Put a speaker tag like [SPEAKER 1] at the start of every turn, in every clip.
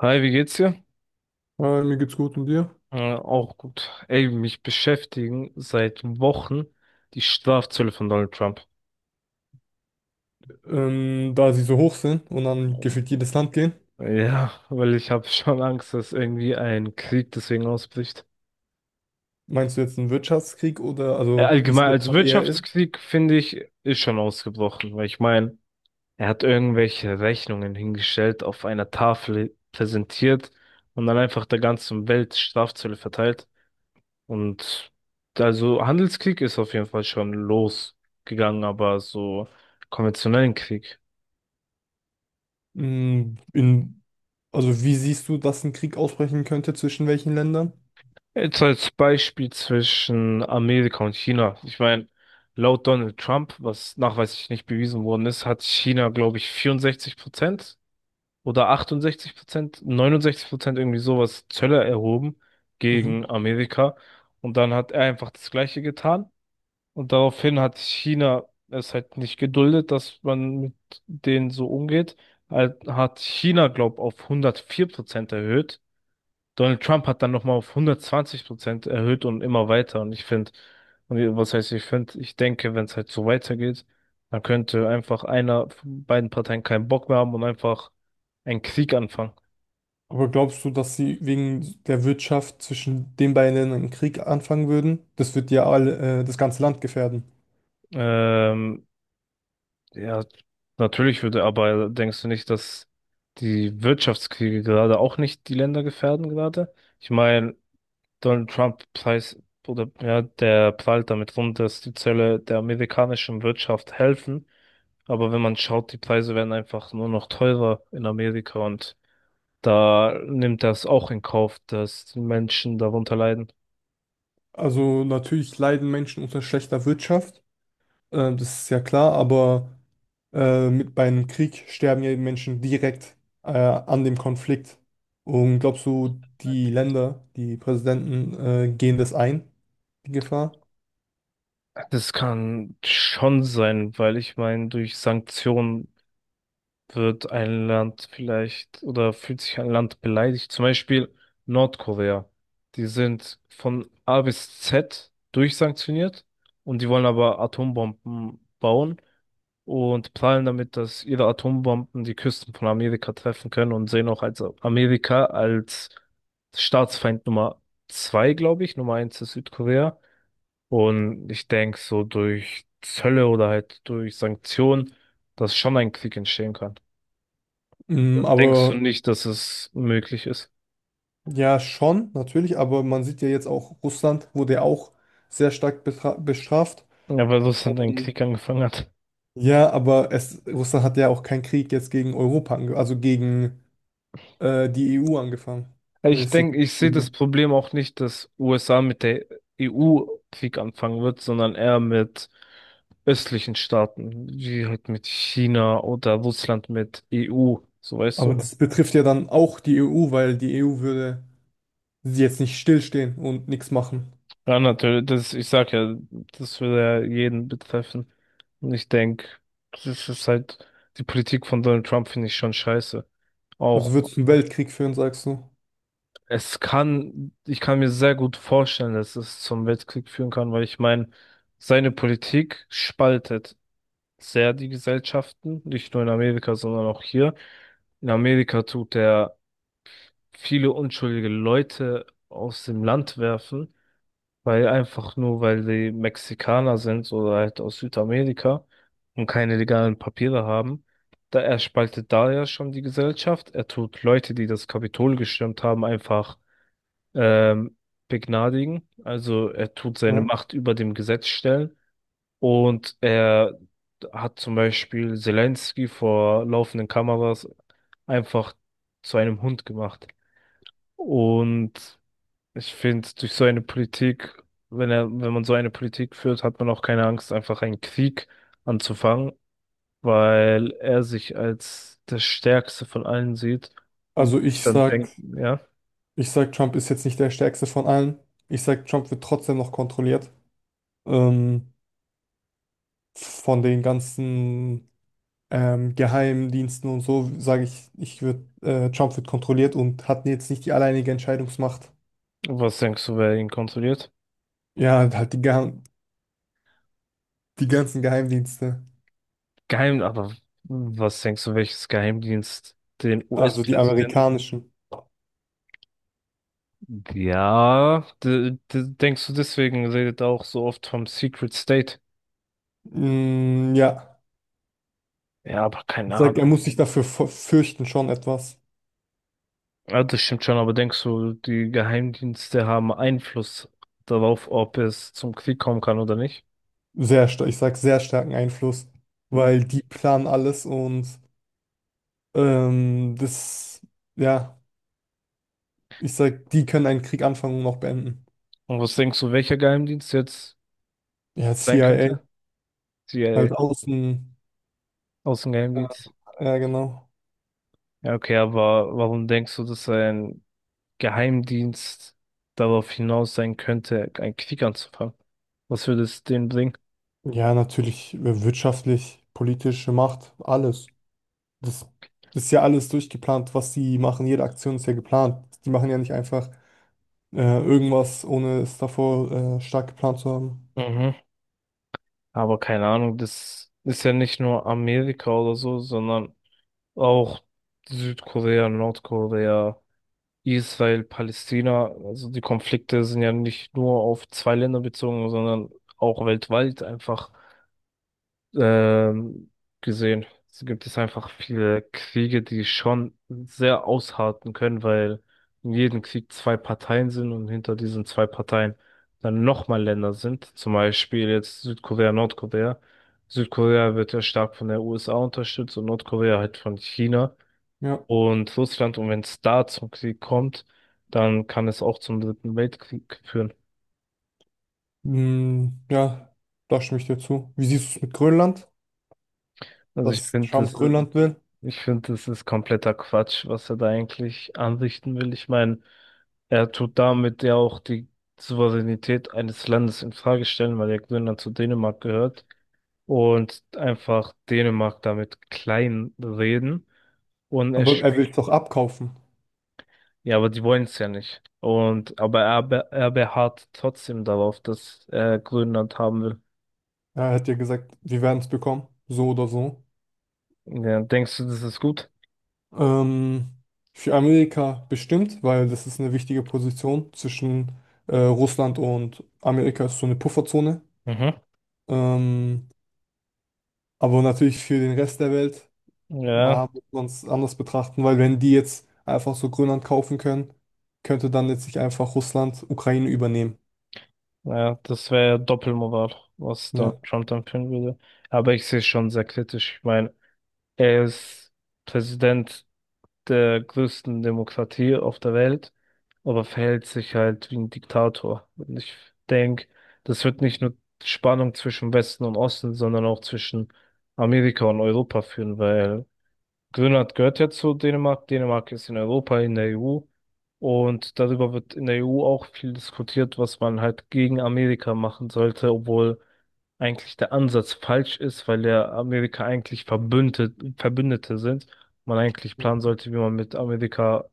[SPEAKER 1] Hi, wie geht's dir?
[SPEAKER 2] Mir geht's gut, und dir?
[SPEAKER 1] Auch gut. Ey, mich beschäftigen seit Wochen die Strafzölle von Donald Trump.
[SPEAKER 2] Da sie so hoch sind und dann gefühlt jedes Land gehen,
[SPEAKER 1] Ja, weil ich habe schon Angst, dass irgendwie ein Krieg deswegen ausbricht.
[SPEAKER 2] meinst du jetzt einen Wirtschaftskrieg oder
[SPEAKER 1] Äh,
[SPEAKER 2] also wie es
[SPEAKER 1] Allgemein,
[SPEAKER 2] jetzt
[SPEAKER 1] als
[SPEAKER 2] schon eher ist?
[SPEAKER 1] Wirtschaftskrieg finde ich, ist schon ausgebrochen, weil ich meine, er hat irgendwelche Rechnungen hingestellt, auf einer Tafel präsentiert und dann einfach der ganzen Welt Strafzölle verteilt. Und also Handelskrieg ist auf jeden Fall schon losgegangen, aber so konventionellen Krieg.
[SPEAKER 2] Mm, In, also wie siehst du, dass ein Krieg ausbrechen könnte, zwischen welchen Ländern?
[SPEAKER 1] Jetzt als Beispiel zwischen Amerika und China. Ich meine, laut Donald Trump, was nachweislich nicht bewiesen worden ist, hat China, glaube ich, 64% oder 68%, 69% irgendwie sowas Zölle erhoben
[SPEAKER 2] Mhm.
[SPEAKER 1] gegen Amerika. Und dann hat er einfach das Gleiche getan. Und daraufhin hat China es halt nicht geduldet, dass man mit denen so umgeht. Hat China, glaub, auf 104% erhöht. Donald Trump hat dann nochmal auf 120% erhöht und immer weiter. Und ich finde, und was heißt ich finde, ich denke, wenn es halt so weitergeht, dann könnte einfach einer von beiden Parteien keinen Bock mehr haben und einfach einen Krieg anfangen.
[SPEAKER 2] Aber glaubst du, dass sie wegen der Wirtschaft zwischen den beiden Ländern einen Krieg anfangen würden? Das wird ja alle, das ganze Land gefährden.
[SPEAKER 1] Ähm, Ja, natürlich würde, aber denkst du nicht, dass die Wirtschaftskriege gerade auch nicht die Länder gefährden gerade? Ich meine, Donald Trump preis oder ja, der prahlt damit rum, dass die Zölle der amerikanischen Wirtschaft helfen. Aber wenn man schaut, die Preise werden einfach nur noch teurer in Amerika und da nimmt das auch in Kauf, dass die Menschen darunter leiden.
[SPEAKER 2] Also natürlich leiden Menschen unter schlechter Wirtschaft, das ist ja klar, aber mit beim Krieg sterben ja die Menschen direkt an dem Konflikt. Und glaubst du, die Länder, die Präsidenten gehen das ein, die Gefahr?
[SPEAKER 1] Das kann schon sein, weil ich meine, durch Sanktionen wird ein Land vielleicht oder fühlt sich ein Land beleidigt. Zum Beispiel Nordkorea. Die sind von A bis Z durchsanktioniert und die wollen aber Atombomben bauen und prahlen damit, dass ihre Atombomben die Küsten von Amerika treffen können und sehen auch als Amerika als Staatsfeind Nummer 2, glaube ich. Nummer 1 ist Südkorea. Und ich denke, so durch Zölle oder halt durch Sanktionen, dass schon ein Krieg entstehen kann.
[SPEAKER 2] Mm,
[SPEAKER 1] Denkst du
[SPEAKER 2] aber
[SPEAKER 1] nicht, dass es möglich ist?
[SPEAKER 2] Ja, schon, natürlich. Aber man sieht ja jetzt auch, Russland wurde ja auch sehr stark bestraft.
[SPEAKER 1] Ja, weil das dann ein
[SPEAKER 2] Mhm.
[SPEAKER 1] Krieg angefangen hat.
[SPEAKER 2] Ja, aber es, Russland hat ja auch keinen Krieg jetzt gegen Europa ange also gegen die EU angefangen.
[SPEAKER 1] Ich
[SPEAKER 2] Mäßig.
[SPEAKER 1] denke, ich sehe das
[SPEAKER 2] Mhm.
[SPEAKER 1] Problem auch nicht, dass USA mit der EU Krieg anfangen wird, sondern eher mit östlichen Staaten, wie halt mit China oder Russland mit EU, so weißt du.
[SPEAKER 2] Aber das betrifft ja dann auch die EU, weil die EU würde sie jetzt nicht stillstehen und nichts machen.
[SPEAKER 1] Ja, natürlich, das, ich sag ja, das würde ja jeden betreffen. Und ich denke, das ist halt, die Politik von Donald Trump finde ich schon scheiße.
[SPEAKER 2] Also
[SPEAKER 1] Auch
[SPEAKER 2] wird es einen Weltkrieg führen, sagst du?
[SPEAKER 1] Es kann, ich kann mir sehr gut vorstellen, dass es zum Weltkrieg führen kann, weil ich meine, seine Politik spaltet sehr die Gesellschaften, nicht nur in Amerika, sondern auch hier. In Amerika tut er viele unschuldige Leute aus dem Land werfen, weil einfach nur, weil die Mexikaner sind oder halt aus Südamerika und keine legalen Papiere haben. Da er spaltet da ja schon die Gesellschaft. Er tut Leute, die das Kapitol gestürmt haben, einfach ähm, begnadigen. Also er tut seine
[SPEAKER 2] Ja.
[SPEAKER 1] Macht über dem Gesetz stellen und er hat zum Beispiel Zelensky vor laufenden Kameras einfach zu einem Hund gemacht. Und ich finde, durch so eine Politik, wenn er, wenn man so eine Politik führt, hat man auch keine Angst, einfach einen Krieg anzufangen, weil er sich als das Stärkste von allen sieht und
[SPEAKER 2] Also
[SPEAKER 1] ich
[SPEAKER 2] ich
[SPEAKER 1] dann
[SPEAKER 2] sag,
[SPEAKER 1] denke, ja,
[SPEAKER 2] ich sag, Trump ist jetzt nicht der stärkste von allen. Ich sag, Trump wird trotzdem noch kontrolliert. Ähm, von den ganzen Geheimdiensten und so, sage ich, Trump wird kontrolliert und hat jetzt nicht die alleinige Entscheidungsmacht.
[SPEAKER 1] was denkst du, wer ihn kontrolliert?
[SPEAKER 2] Ja, halt die ganzen Geheimdienste,
[SPEAKER 1] Aber was denkst du, welches Geheimdienst den
[SPEAKER 2] also die
[SPEAKER 1] US-Präsidenten?
[SPEAKER 2] amerikanischen.
[SPEAKER 1] Ja, denkst du deswegen redet er auch so oft vom Secret State?
[SPEAKER 2] Ja,
[SPEAKER 1] Ja, aber
[SPEAKER 2] ich
[SPEAKER 1] keine
[SPEAKER 2] sag, er
[SPEAKER 1] Ahnung.
[SPEAKER 2] muss sich dafür fürchten schon etwas.
[SPEAKER 1] Ja, das stimmt schon, aber denkst du, die Geheimdienste haben Einfluss darauf, ob es zum Krieg kommen kann oder nicht?
[SPEAKER 2] Sehr stark, ich sag sehr starken Einfluss,
[SPEAKER 1] Und
[SPEAKER 2] weil die planen alles und ähm, das, ja, ich sag, die können einen Krieg anfangen und auch beenden.
[SPEAKER 1] was denkst du, welcher Geheimdienst jetzt
[SPEAKER 2] Ja,
[SPEAKER 1] sein
[SPEAKER 2] CIA,
[SPEAKER 1] könnte? CIA,
[SPEAKER 2] halt außen,
[SPEAKER 1] Außengeheimdienst.
[SPEAKER 2] ja genau.
[SPEAKER 1] Ja, okay, aber warum denkst du, dass ein Geheimdienst darauf hinaus sein könnte, einen Krieg anzufangen. Was würde es denen bringen?
[SPEAKER 2] Ja, natürlich wirtschaftlich, politische Macht, alles. Das ist ja alles durchgeplant, was sie machen. Jede Aktion ist ja geplant. Die machen ja nicht einfach äh, irgendwas, ohne es davor stark geplant zu haben.
[SPEAKER 1] Mhm. Aber keine Ahnung, das ist ja nicht nur Amerika oder so, sondern auch Südkorea, Nordkorea, Israel, Palästina. Also die Konflikte sind ja nicht nur auf zwei Länder bezogen, sondern auch weltweit einfach. ähm, Gesehen. Es gibt es einfach viele Kriege, die schon sehr ausharten können, weil in jedem Krieg zwei Parteien sind und hinter diesen zwei Parteien dann nochmal Länder sind. Zum Beispiel jetzt Südkorea, Nordkorea. Südkorea wird ja stark von der USA unterstützt und Nordkorea halt von China
[SPEAKER 2] Ja,
[SPEAKER 1] und Russland. Und wenn es da zum Krieg kommt, dann kann es auch zum Dritten Weltkrieg führen.
[SPEAKER 2] ja, da stimme ich dir zu. Wie siehst du es mit Grönland?
[SPEAKER 1] Also ich
[SPEAKER 2] Dass
[SPEAKER 1] finde,
[SPEAKER 2] Trump
[SPEAKER 1] das
[SPEAKER 2] Grönland will,
[SPEAKER 1] Ich finde, das ist kompletter Quatsch, was er da eigentlich anrichten will. Ich meine, er tut damit ja auch die Souveränität eines Landes in Frage stellen, weil ja Grönland zu Dänemark gehört und einfach Dänemark damit klein reden. Und er,
[SPEAKER 2] aber
[SPEAKER 1] sp-
[SPEAKER 2] er will es doch abkaufen.
[SPEAKER 1] ja, aber die wollen es ja nicht. Er beharrt trotzdem darauf, dass er Grönland haben will.
[SPEAKER 2] Er hat ja gesagt, wir werden es bekommen, so oder so.
[SPEAKER 1] Ja, denkst du, das ist gut?
[SPEAKER 2] Ähm, für Amerika bestimmt, weil das ist eine wichtige Position zwischen Russland und Amerika, ist so eine Pufferzone.
[SPEAKER 1] Mhm.
[SPEAKER 2] Ähm, aber natürlich für den Rest der Welt
[SPEAKER 1] Ja,
[SPEAKER 2] mal muss man es anders betrachten, weil wenn die jetzt einfach so Grönland kaufen können, könnte dann letztlich einfach Russland Ukraine übernehmen.
[SPEAKER 1] ja, das wäre ja Doppelmoral, was
[SPEAKER 2] Ja.
[SPEAKER 1] Donald Trump dann führen würde. Aber ich sehe es schon sehr kritisch. Ich meine, er ist Präsident der größten Demokratie auf der Welt, aber verhält sich halt wie ein Diktator. Und ich denke, das wird nicht nur Spannung zwischen Westen und Osten, sondern auch zwischen Amerika und Europa führen, weil Grönland gehört ja zu Dänemark. Dänemark ist in Europa, in der EU. Und darüber wird in der EU auch viel diskutiert, was man halt gegen Amerika machen sollte, obwohl eigentlich der Ansatz falsch ist, weil ja Amerika eigentlich Verbündete, Verbündete sind. Man eigentlich planen sollte, wie man mit Amerika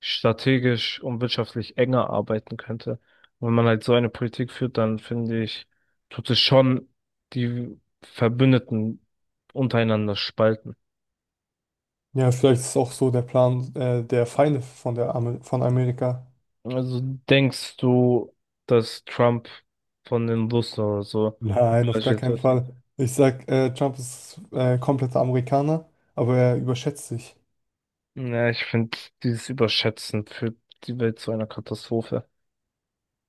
[SPEAKER 1] strategisch und wirtschaftlich enger arbeiten könnte. Und wenn man halt so eine Politik führt, dann finde ich, tut es schon die Verbündeten untereinander spalten.
[SPEAKER 2] Ja, vielleicht ist auch so der Plan der Feinde von der Amer von Amerika.
[SPEAKER 1] Also denkst du, dass Trump von den Russen oder so
[SPEAKER 2] Nein, auf gar
[SPEAKER 1] engagiert
[SPEAKER 2] keinen
[SPEAKER 1] wird?
[SPEAKER 2] Fall. Ich sag, Trump ist kompletter Amerikaner, aber er überschätzt sich.
[SPEAKER 1] Ja, ich finde dieses Überschätzen führt die Welt zu einer Katastrophe.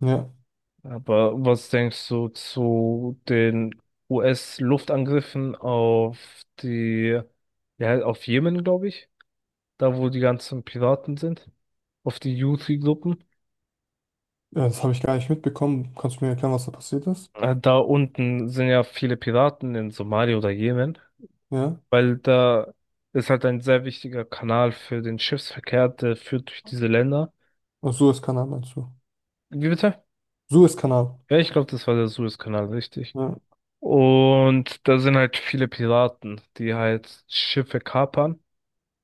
[SPEAKER 2] Ja,
[SPEAKER 1] Aber was denkst du zu den US-Luftangriffen auf die, ja, auf Jemen, glaube ich, da wo die ganzen Piraten sind, auf die Houthi-Gruppen?
[SPEAKER 2] ja, das habe ich gar nicht mitbekommen. Kannst du mir erklären, was da passiert ist?
[SPEAKER 1] Da unten sind ja viele Piraten in Somalia oder Jemen.
[SPEAKER 2] Ja,
[SPEAKER 1] Weil da ist halt ein sehr wichtiger Kanal für den Schiffsverkehr, der führt durch diese Länder.
[SPEAKER 2] und Suezkanal meinst du?
[SPEAKER 1] Wie bitte?
[SPEAKER 2] Suezkanal.
[SPEAKER 1] Ja, ich glaube, das war der Suezkanal, richtig.
[SPEAKER 2] Ja.
[SPEAKER 1] Und da sind halt viele Piraten, die halt Schiffe kapern,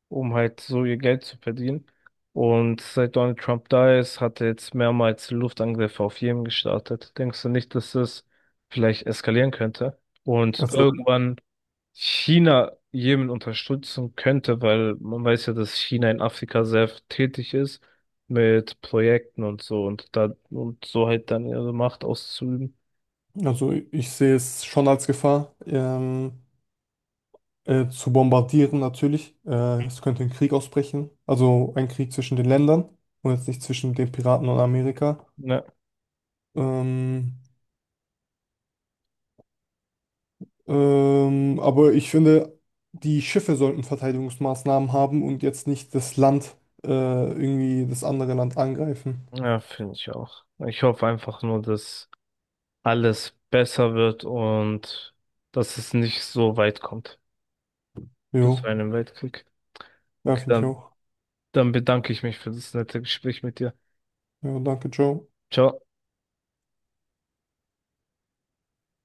[SPEAKER 1] um halt so ihr Geld zu verdienen. Und seit Donald Trump da ist, hat er jetzt mehrmals Luftangriffe auf Jemen gestartet. Denkst du nicht, dass das vielleicht eskalieren könnte? Und
[SPEAKER 2] Also,
[SPEAKER 1] irgendwann China Jemen unterstützen könnte, weil man weiß ja, dass China in Afrika sehr tätig ist mit Projekten und so und da und so halt dann ihre Macht auszuüben.
[SPEAKER 2] also ich sehe es schon als Gefahr, zu bombardieren natürlich. Es könnte ein Krieg ausbrechen, also ein Krieg zwischen den Ländern und jetzt nicht zwischen den Piraten und Amerika.
[SPEAKER 1] Ja,
[SPEAKER 2] Ähm, aber ich finde, die Schiffe sollten Verteidigungsmaßnahmen haben und jetzt nicht das Land irgendwie das andere Land angreifen.
[SPEAKER 1] ja, finde ich auch. Ich hoffe einfach nur, dass alles besser wird und dass es nicht so weit kommt bis zu
[SPEAKER 2] Jo,
[SPEAKER 1] einem Weltkrieg.
[SPEAKER 2] ja,
[SPEAKER 1] Okay,
[SPEAKER 2] finde ich
[SPEAKER 1] dann,
[SPEAKER 2] auch.
[SPEAKER 1] dann bedanke ich mich für das nette Gespräch mit dir.
[SPEAKER 2] Ja, danke, ciao.
[SPEAKER 1] Ciao.